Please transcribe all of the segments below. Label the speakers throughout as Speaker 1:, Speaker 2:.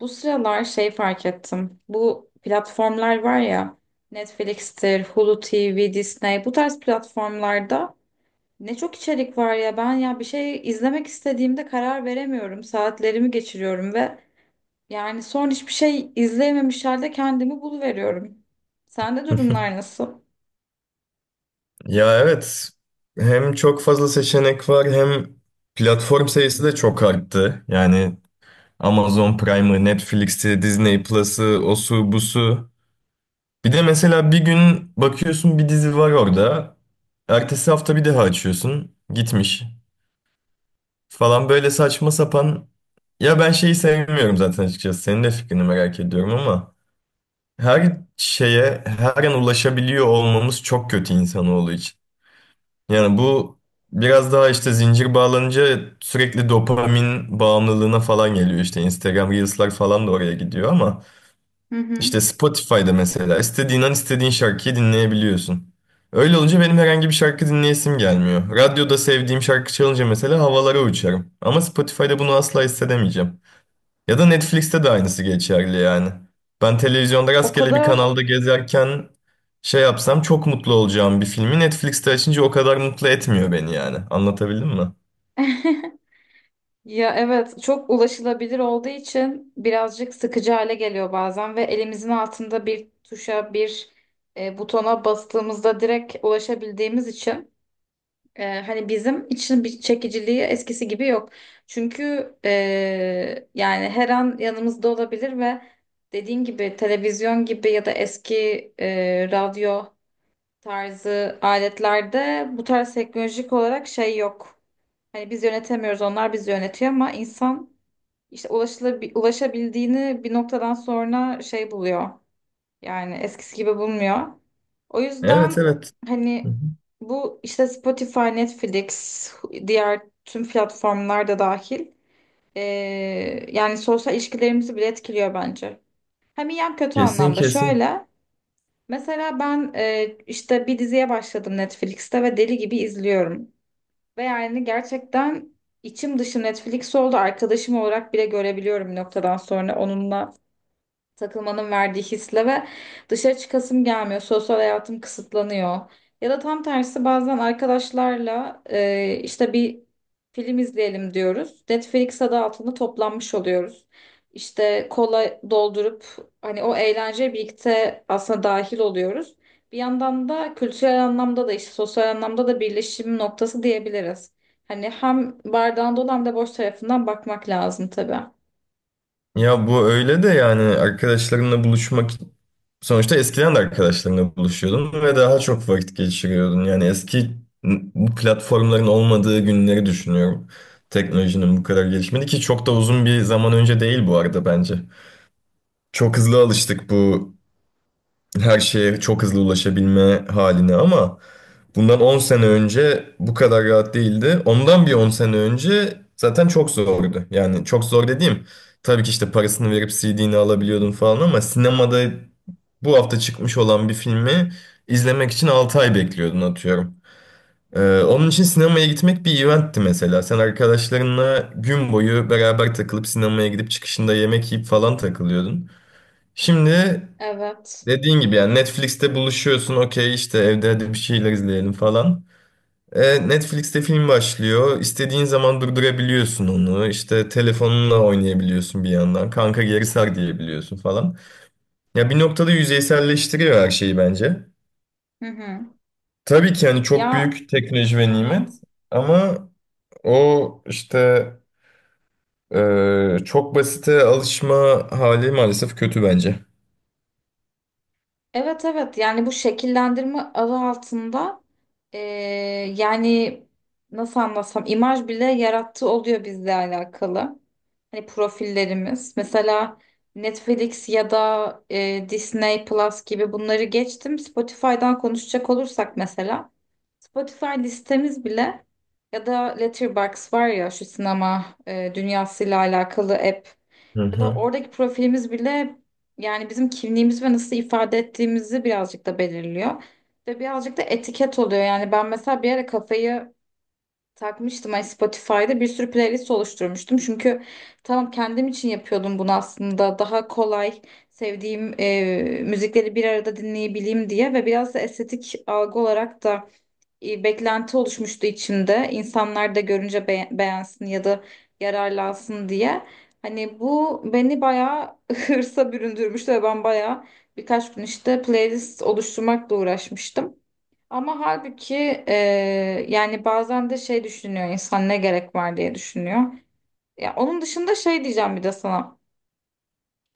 Speaker 1: Bu sıralar fark ettim. Bu platformlar var ya, Netflix'tir, Hulu TV, Disney, bu tarz platformlarda ne çok içerik var ya, ben ya bir şey izlemek istediğimde karar veremiyorum. Saatlerimi geçiriyorum ve yani son hiçbir şey izleyememiş halde kendimi buluveriyorum. Sende durumlar nasıl?
Speaker 2: Ya evet, hem çok fazla seçenek var, hem platform sayısı da çok arttı. Yani Amazon Prime'ı, Netflix'i, Disney Plus'ı, osu busu. Bir de mesela bir gün bakıyorsun, bir dizi var orada. Ertesi hafta bir daha açıyorsun. Gitmiş falan, böyle saçma sapan. Ya ben şeyi sevmiyorum zaten, açıkçası. Senin de fikrini merak ediyorum ama her şeye her an ulaşabiliyor olmamız çok kötü insanoğlu için. Yani bu biraz daha işte zincir bağlanınca sürekli dopamin bağımlılığına falan geliyor. İşte Instagram Reels'lar falan da oraya gidiyor ama
Speaker 1: Hı hı.
Speaker 2: işte Spotify'da mesela istediğin an istediğin şarkıyı dinleyebiliyorsun. Öyle olunca benim herhangi bir şarkı dinleyesim gelmiyor. Radyoda sevdiğim şarkı çalınca mesela havalara uçarım. Ama Spotify'da bunu asla hissedemeyeceğim. Ya da Netflix'te de aynısı geçerli yani. Ben televizyonda
Speaker 1: O
Speaker 2: rastgele bir
Speaker 1: kadar
Speaker 2: kanalda gezerken şey yapsam çok mutlu olacağım bir filmi Netflix'te açınca o kadar mutlu etmiyor beni yani. Anlatabildim mi?
Speaker 1: Ya evet, çok ulaşılabilir olduğu için birazcık sıkıcı hale geliyor bazen ve elimizin altında bir tuşa butona bastığımızda direkt ulaşabildiğimiz için, hani bizim için bir çekiciliği eskisi gibi yok. Çünkü e, yani her an yanımızda olabilir ve dediğin gibi televizyon gibi ya da eski radyo tarzı aletlerde bu tarz teknolojik olarak yok. Hani biz yönetemiyoruz, onlar bizi yönetiyor, ama insan işte ulaşabildiğini bir noktadan sonra buluyor. Yani eskisi gibi bulmuyor. O
Speaker 2: Evet,
Speaker 1: yüzden
Speaker 2: evet. Hı hı.
Speaker 1: hani bu işte Spotify, Netflix, diğer tüm platformlar da dahil. Ee, Yani sosyal ilişkilerimizi bile etkiliyor bence. Hem iyi hem kötü
Speaker 2: Kesin,
Speaker 1: anlamda.
Speaker 2: kesin.
Speaker 1: Şöyle mesela ben, işte bir diziye başladım Netflix'te ve deli gibi izliyorum. Ve yani gerçekten içim dışı Netflix oldu. Arkadaşım olarak bile görebiliyorum bir noktadan sonra. Onunla takılmanın verdiği hisle ve dışarı çıkasım gelmiyor. Sosyal hayatım kısıtlanıyor. Ya da tam tersi, bazen arkadaşlarla, işte bir film izleyelim diyoruz. Netflix adı altında toplanmış oluyoruz. İşte kola doldurup hani o eğlenceye birlikte aslında dahil oluyoruz. Bir yandan da kültürel anlamda da işte sosyal anlamda da birleşim noktası diyebiliriz. Hani hem bardağın dolu hem de boş tarafından bakmak lazım tabii.
Speaker 2: Ya bu öyle de, yani arkadaşlarınla buluşmak sonuçta eskiden de arkadaşlarınla buluşuyordun ve daha çok vakit geçiriyordun. Yani eski, bu platformların olmadığı günleri düşünüyorum. Teknolojinin bu kadar gelişmedi ki, çok da uzun bir zaman önce değil bu arada bence. Çok hızlı alıştık bu her şeye çok hızlı ulaşabilme haline ama bundan 10 sene önce bu kadar rahat değildi. Ondan bir 10 sene önce zaten çok zordu. Yani çok zor dediğim, tabii ki işte parasını verip CD'ni alabiliyordun falan ama sinemada bu hafta çıkmış olan bir filmi izlemek için 6 ay bekliyordun, atıyorum. Onun için sinemaya gitmek bir eventti mesela. Sen arkadaşlarınla gün boyu beraber takılıp sinemaya gidip çıkışında yemek yiyip falan takılıyordun. Şimdi
Speaker 1: Evet.
Speaker 2: dediğin gibi, yani Netflix'te buluşuyorsun, okey işte evde hadi bir şeyler izleyelim falan. Netflix'te film başlıyor. İstediğin zaman durdurabiliyorsun onu. İşte telefonunla oynayabiliyorsun bir yandan. Kanka geri sar diyebiliyorsun falan. Ya bir noktada yüzeyselleştiriyor her şeyi bence.
Speaker 1: Hı hı.
Speaker 2: Tabii ki hani çok
Speaker 1: Ya
Speaker 2: büyük teknoloji
Speaker 1: hı
Speaker 2: ve
Speaker 1: hı.
Speaker 2: nimet ama o işte çok basite alışma hali maalesef kötü bence.
Speaker 1: Evet evet, yani bu şekillendirme adı altında, yani nasıl anlatsam, imaj bile yarattığı oluyor bizle alakalı. Hani profillerimiz mesela Netflix ya da Disney Plus gibi, bunları geçtim. Spotify'dan konuşacak olursak mesela Spotify listemiz bile, ya da Letterboxd var ya şu sinema dünyasıyla alakalı app,
Speaker 2: Hı
Speaker 1: ya da
Speaker 2: hı.
Speaker 1: oradaki profilimiz bile, yani bizim kimliğimiz ve nasıl ifade ettiğimizi birazcık da belirliyor. Ve birazcık da etiket oluyor. Yani ben mesela bir ara kafayı takmıştım. Hani Spotify'da bir sürü playlist oluşturmuştum. Çünkü tamam, kendim için yapıyordum bunu aslında. Daha kolay sevdiğim müzikleri bir arada dinleyebileyim diye, ve biraz da estetik algı olarak da beklenti oluşmuştu içimde. İnsanlar da görünce beğensin ya da yararlansın diye. Hani bu beni bayağı hırsa büründürmüştü ve ben bayağı birkaç gün işte playlist oluşturmakla uğraşmıştım. Ama halbuki, e, yani bazen de şey düşünüyor insan, ne gerek var diye düşünüyor. Ya onun dışında şey diyeceğim bir de sana.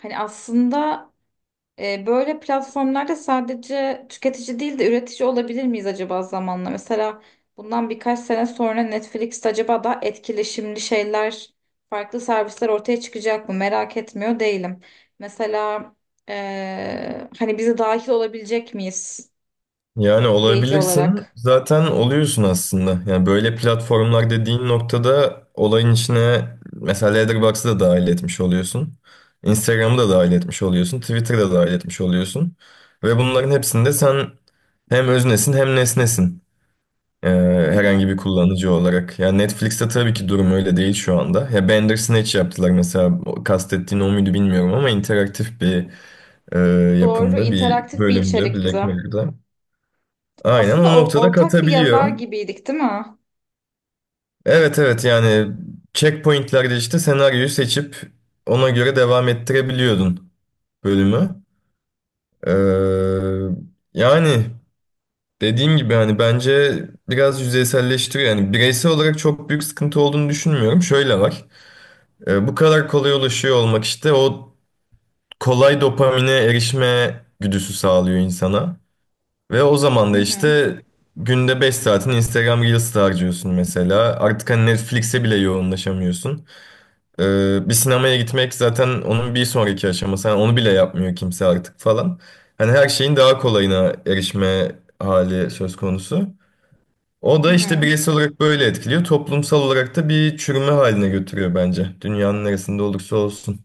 Speaker 1: Hani aslında, böyle platformlarda sadece tüketici değil de üretici olabilir miyiz acaba zamanla? Mesela bundan birkaç sene sonra Netflix'te acaba daha etkileşimli şeyler, farklı servisler ortaya çıkacak mı? Merak etmiyor değilim. Mesela hani bize dahil olabilecek miyiz
Speaker 2: Yani
Speaker 1: izleyici
Speaker 2: olabilirsin.
Speaker 1: olarak?
Speaker 2: Zaten oluyorsun aslında. Yani böyle platformlar dediğin noktada olayın içine mesela Letterboxd'ı da dahil etmiş oluyorsun. Instagram'ı da dahil etmiş oluyorsun. Twitter'ı da dahil etmiş oluyorsun. Ve bunların hepsinde sen hem öznesin hem nesnesin. Ee,
Speaker 1: Hı hı.
Speaker 2: Herhangi bir kullanıcı olarak. Yani Netflix'te tabii ki durum öyle değil şu anda. Ya Bandersnatch yaptılar mesela. O, kastettiğin o muydu bilmiyorum ama interaktif bir e,
Speaker 1: Doğru,
Speaker 2: yapımda bir
Speaker 1: interaktif bir
Speaker 2: bölümdü Black
Speaker 1: içerikti.
Speaker 2: Mirror'da. Aynen,
Speaker 1: Aslında
Speaker 2: o
Speaker 1: o,
Speaker 2: noktada
Speaker 1: ortak bir yazar
Speaker 2: katabiliyor.
Speaker 1: gibiydik, değil mi?
Speaker 2: Evet, evet, yani checkpointlerde işte senaryoyu seçip ona göre devam ettirebiliyordun bölümü. Ee, yani dediğim gibi hani bence biraz yüzeyselleştiriyor. Yani bireysel olarak çok büyük sıkıntı olduğunu düşünmüyorum. Şöyle var. Bu kadar kolay ulaşıyor olmak işte o kolay dopamine erişme güdüsü sağlıyor insana. Ve o zaman
Speaker 1: Hı
Speaker 2: da
Speaker 1: hı.
Speaker 2: işte günde 5 saatini Instagram Reels'te harcıyorsun mesela. Artık hani Netflix'e bile yoğunlaşamıyorsun. Bir sinemaya gitmek zaten onun bir sonraki aşaması. Hani onu bile yapmıyor kimse artık falan. Hani her şeyin daha kolayına erişme hali söz konusu. O
Speaker 1: Hı
Speaker 2: da işte
Speaker 1: hı.
Speaker 2: bireysel olarak böyle etkiliyor. Toplumsal olarak da bir çürüme haline götürüyor bence. Dünyanın neresinde olursa olsun.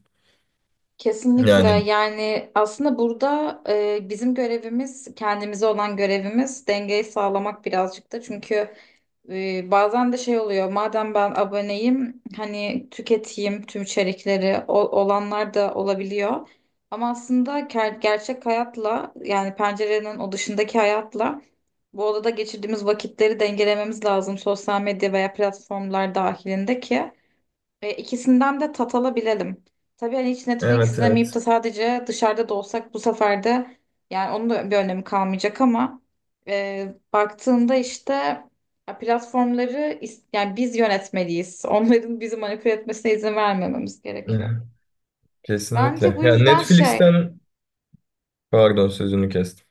Speaker 1: Kesinlikle,
Speaker 2: Yani
Speaker 1: yani aslında burada, bizim görevimiz, kendimize olan görevimiz dengeyi sağlamak birazcık da, çünkü bazen de şey oluyor, madem ben aboneyim hani tüketeyim tüm içerikleri, olanlar da olabiliyor, ama aslında gerçek hayatla, yani pencerenin o dışındaki hayatla bu odada geçirdiğimiz vakitleri dengelememiz lazım sosyal medya veya platformlar dahilinde ki. İkisinden de tat alabilelim. Tabii hani hiç Netflix
Speaker 2: evet,
Speaker 1: izlemeyip de
Speaker 2: evet.
Speaker 1: sadece dışarıda da olsak bu sefer de yani onun da bir önemi kalmayacak, ama baktığında işte, ya platformları, yani biz yönetmeliyiz. Onların bizi manipüle etmesine izin vermememiz gerekiyor. Bence
Speaker 2: Kesinlikle.
Speaker 1: bu
Speaker 2: Yani
Speaker 1: yüzden şey.
Speaker 2: Netflix'ten pardon, sözünü kestim.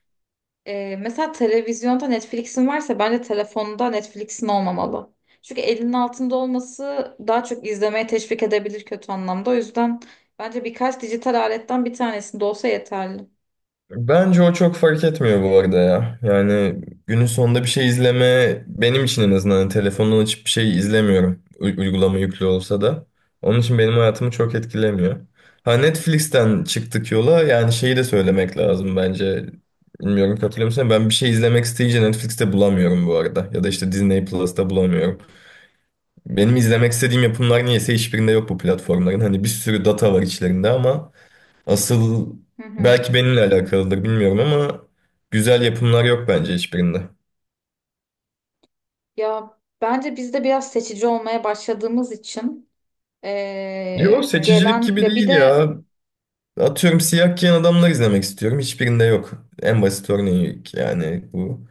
Speaker 1: Mesela televizyonda Netflix'in varsa bence telefonda Netflix'in olmamalı. Çünkü elinin altında olması daha çok izlemeye teşvik edebilir kötü anlamda. O yüzden bence birkaç dijital aletten bir tanesinde olsa yeterli.
Speaker 2: Bence o çok fark etmiyor bu arada ya. Yani günün sonunda bir şey izleme benim için, en azından hani telefondan açıp bir şey izlemiyorum. Uygulama yüklü olsa da. Onun için benim hayatımı çok etkilemiyor. Ha Netflix'ten çıktık yola, yani şeyi de söylemek lazım bence. Bilmiyorum, katılıyor musun? Ben bir şey izlemek isteyince Netflix'te bulamıyorum bu arada. Ya da işte Disney Plus'ta bulamıyorum. Benim izlemek istediğim yapımlar niyeyse hiçbirinde yok bu platformların. Hani bir sürü data var içlerinde ama asıl
Speaker 1: Hı hı.
Speaker 2: belki benimle alakalıdır bilmiyorum ama güzel yapımlar yok bence hiçbirinde.
Speaker 1: Ya bence biz de biraz seçici olmaya başladığımız için,
Speaker 2: Yok, seçicilik
Speaker 1: gelen
Speaker 2: gibi
Speaker 1: ya bir
Speaker 2: değil
Speaker 1: de.
Speaker 2: ya. Atıyorum, siyah giyen adamlar izlemek istiyorum. Hiçbirinde yok. En basit örneği yani bu.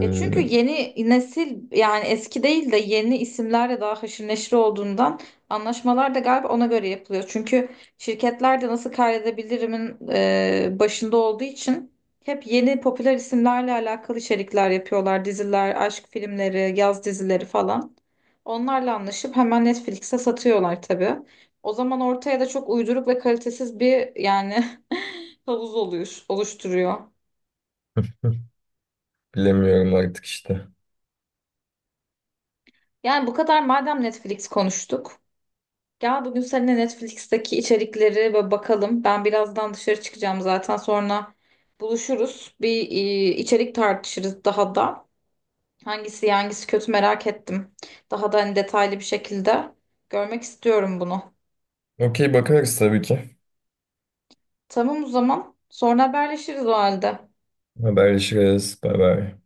Speaker 1: Ya çünkü yeni nesil, yani eski değil de yeni isimlerle daha haşır neşir olduğundan, anlaşmalar da galiba ona göre yapılıyor. Çünkü şirketler de nasıl kaydedebilirimin başında olduğu için hep yeni popüler isimlerle alakalı içerikler yapıyorlar. Diziler, aşk filmleri, yaz dizileri falan. Onlarla anlaşıp hemen Netflix'e satıyorlar tabii. O zaman ortaya da çok uyduruk ve kalitesiz bir yani havuz oluyor, oluşturuyor.
Speaker 2: Bilemiyorum artık işte.
Speaker 1: Yani bu kadar madem Netflix konuştuk. Gel bugün seninle Netflix'teki içerikleri böyle bakalım. Ben birazdan dışarı çıkacağım zaten, sonra buluşuruz. Bir içerik tartışırız daha da. Hangisi iyi, hangisi kötü merak ettim. Daha da hani detaylı bir şekilde görmek istiyorum bunu.
Speaker 2: Okey, bakarız tabii ki.
Speaker 1: Tamam o zaman. Sonra haberleşiriz o halde.
Speaker 2: Haberleşiriz. Bay bay.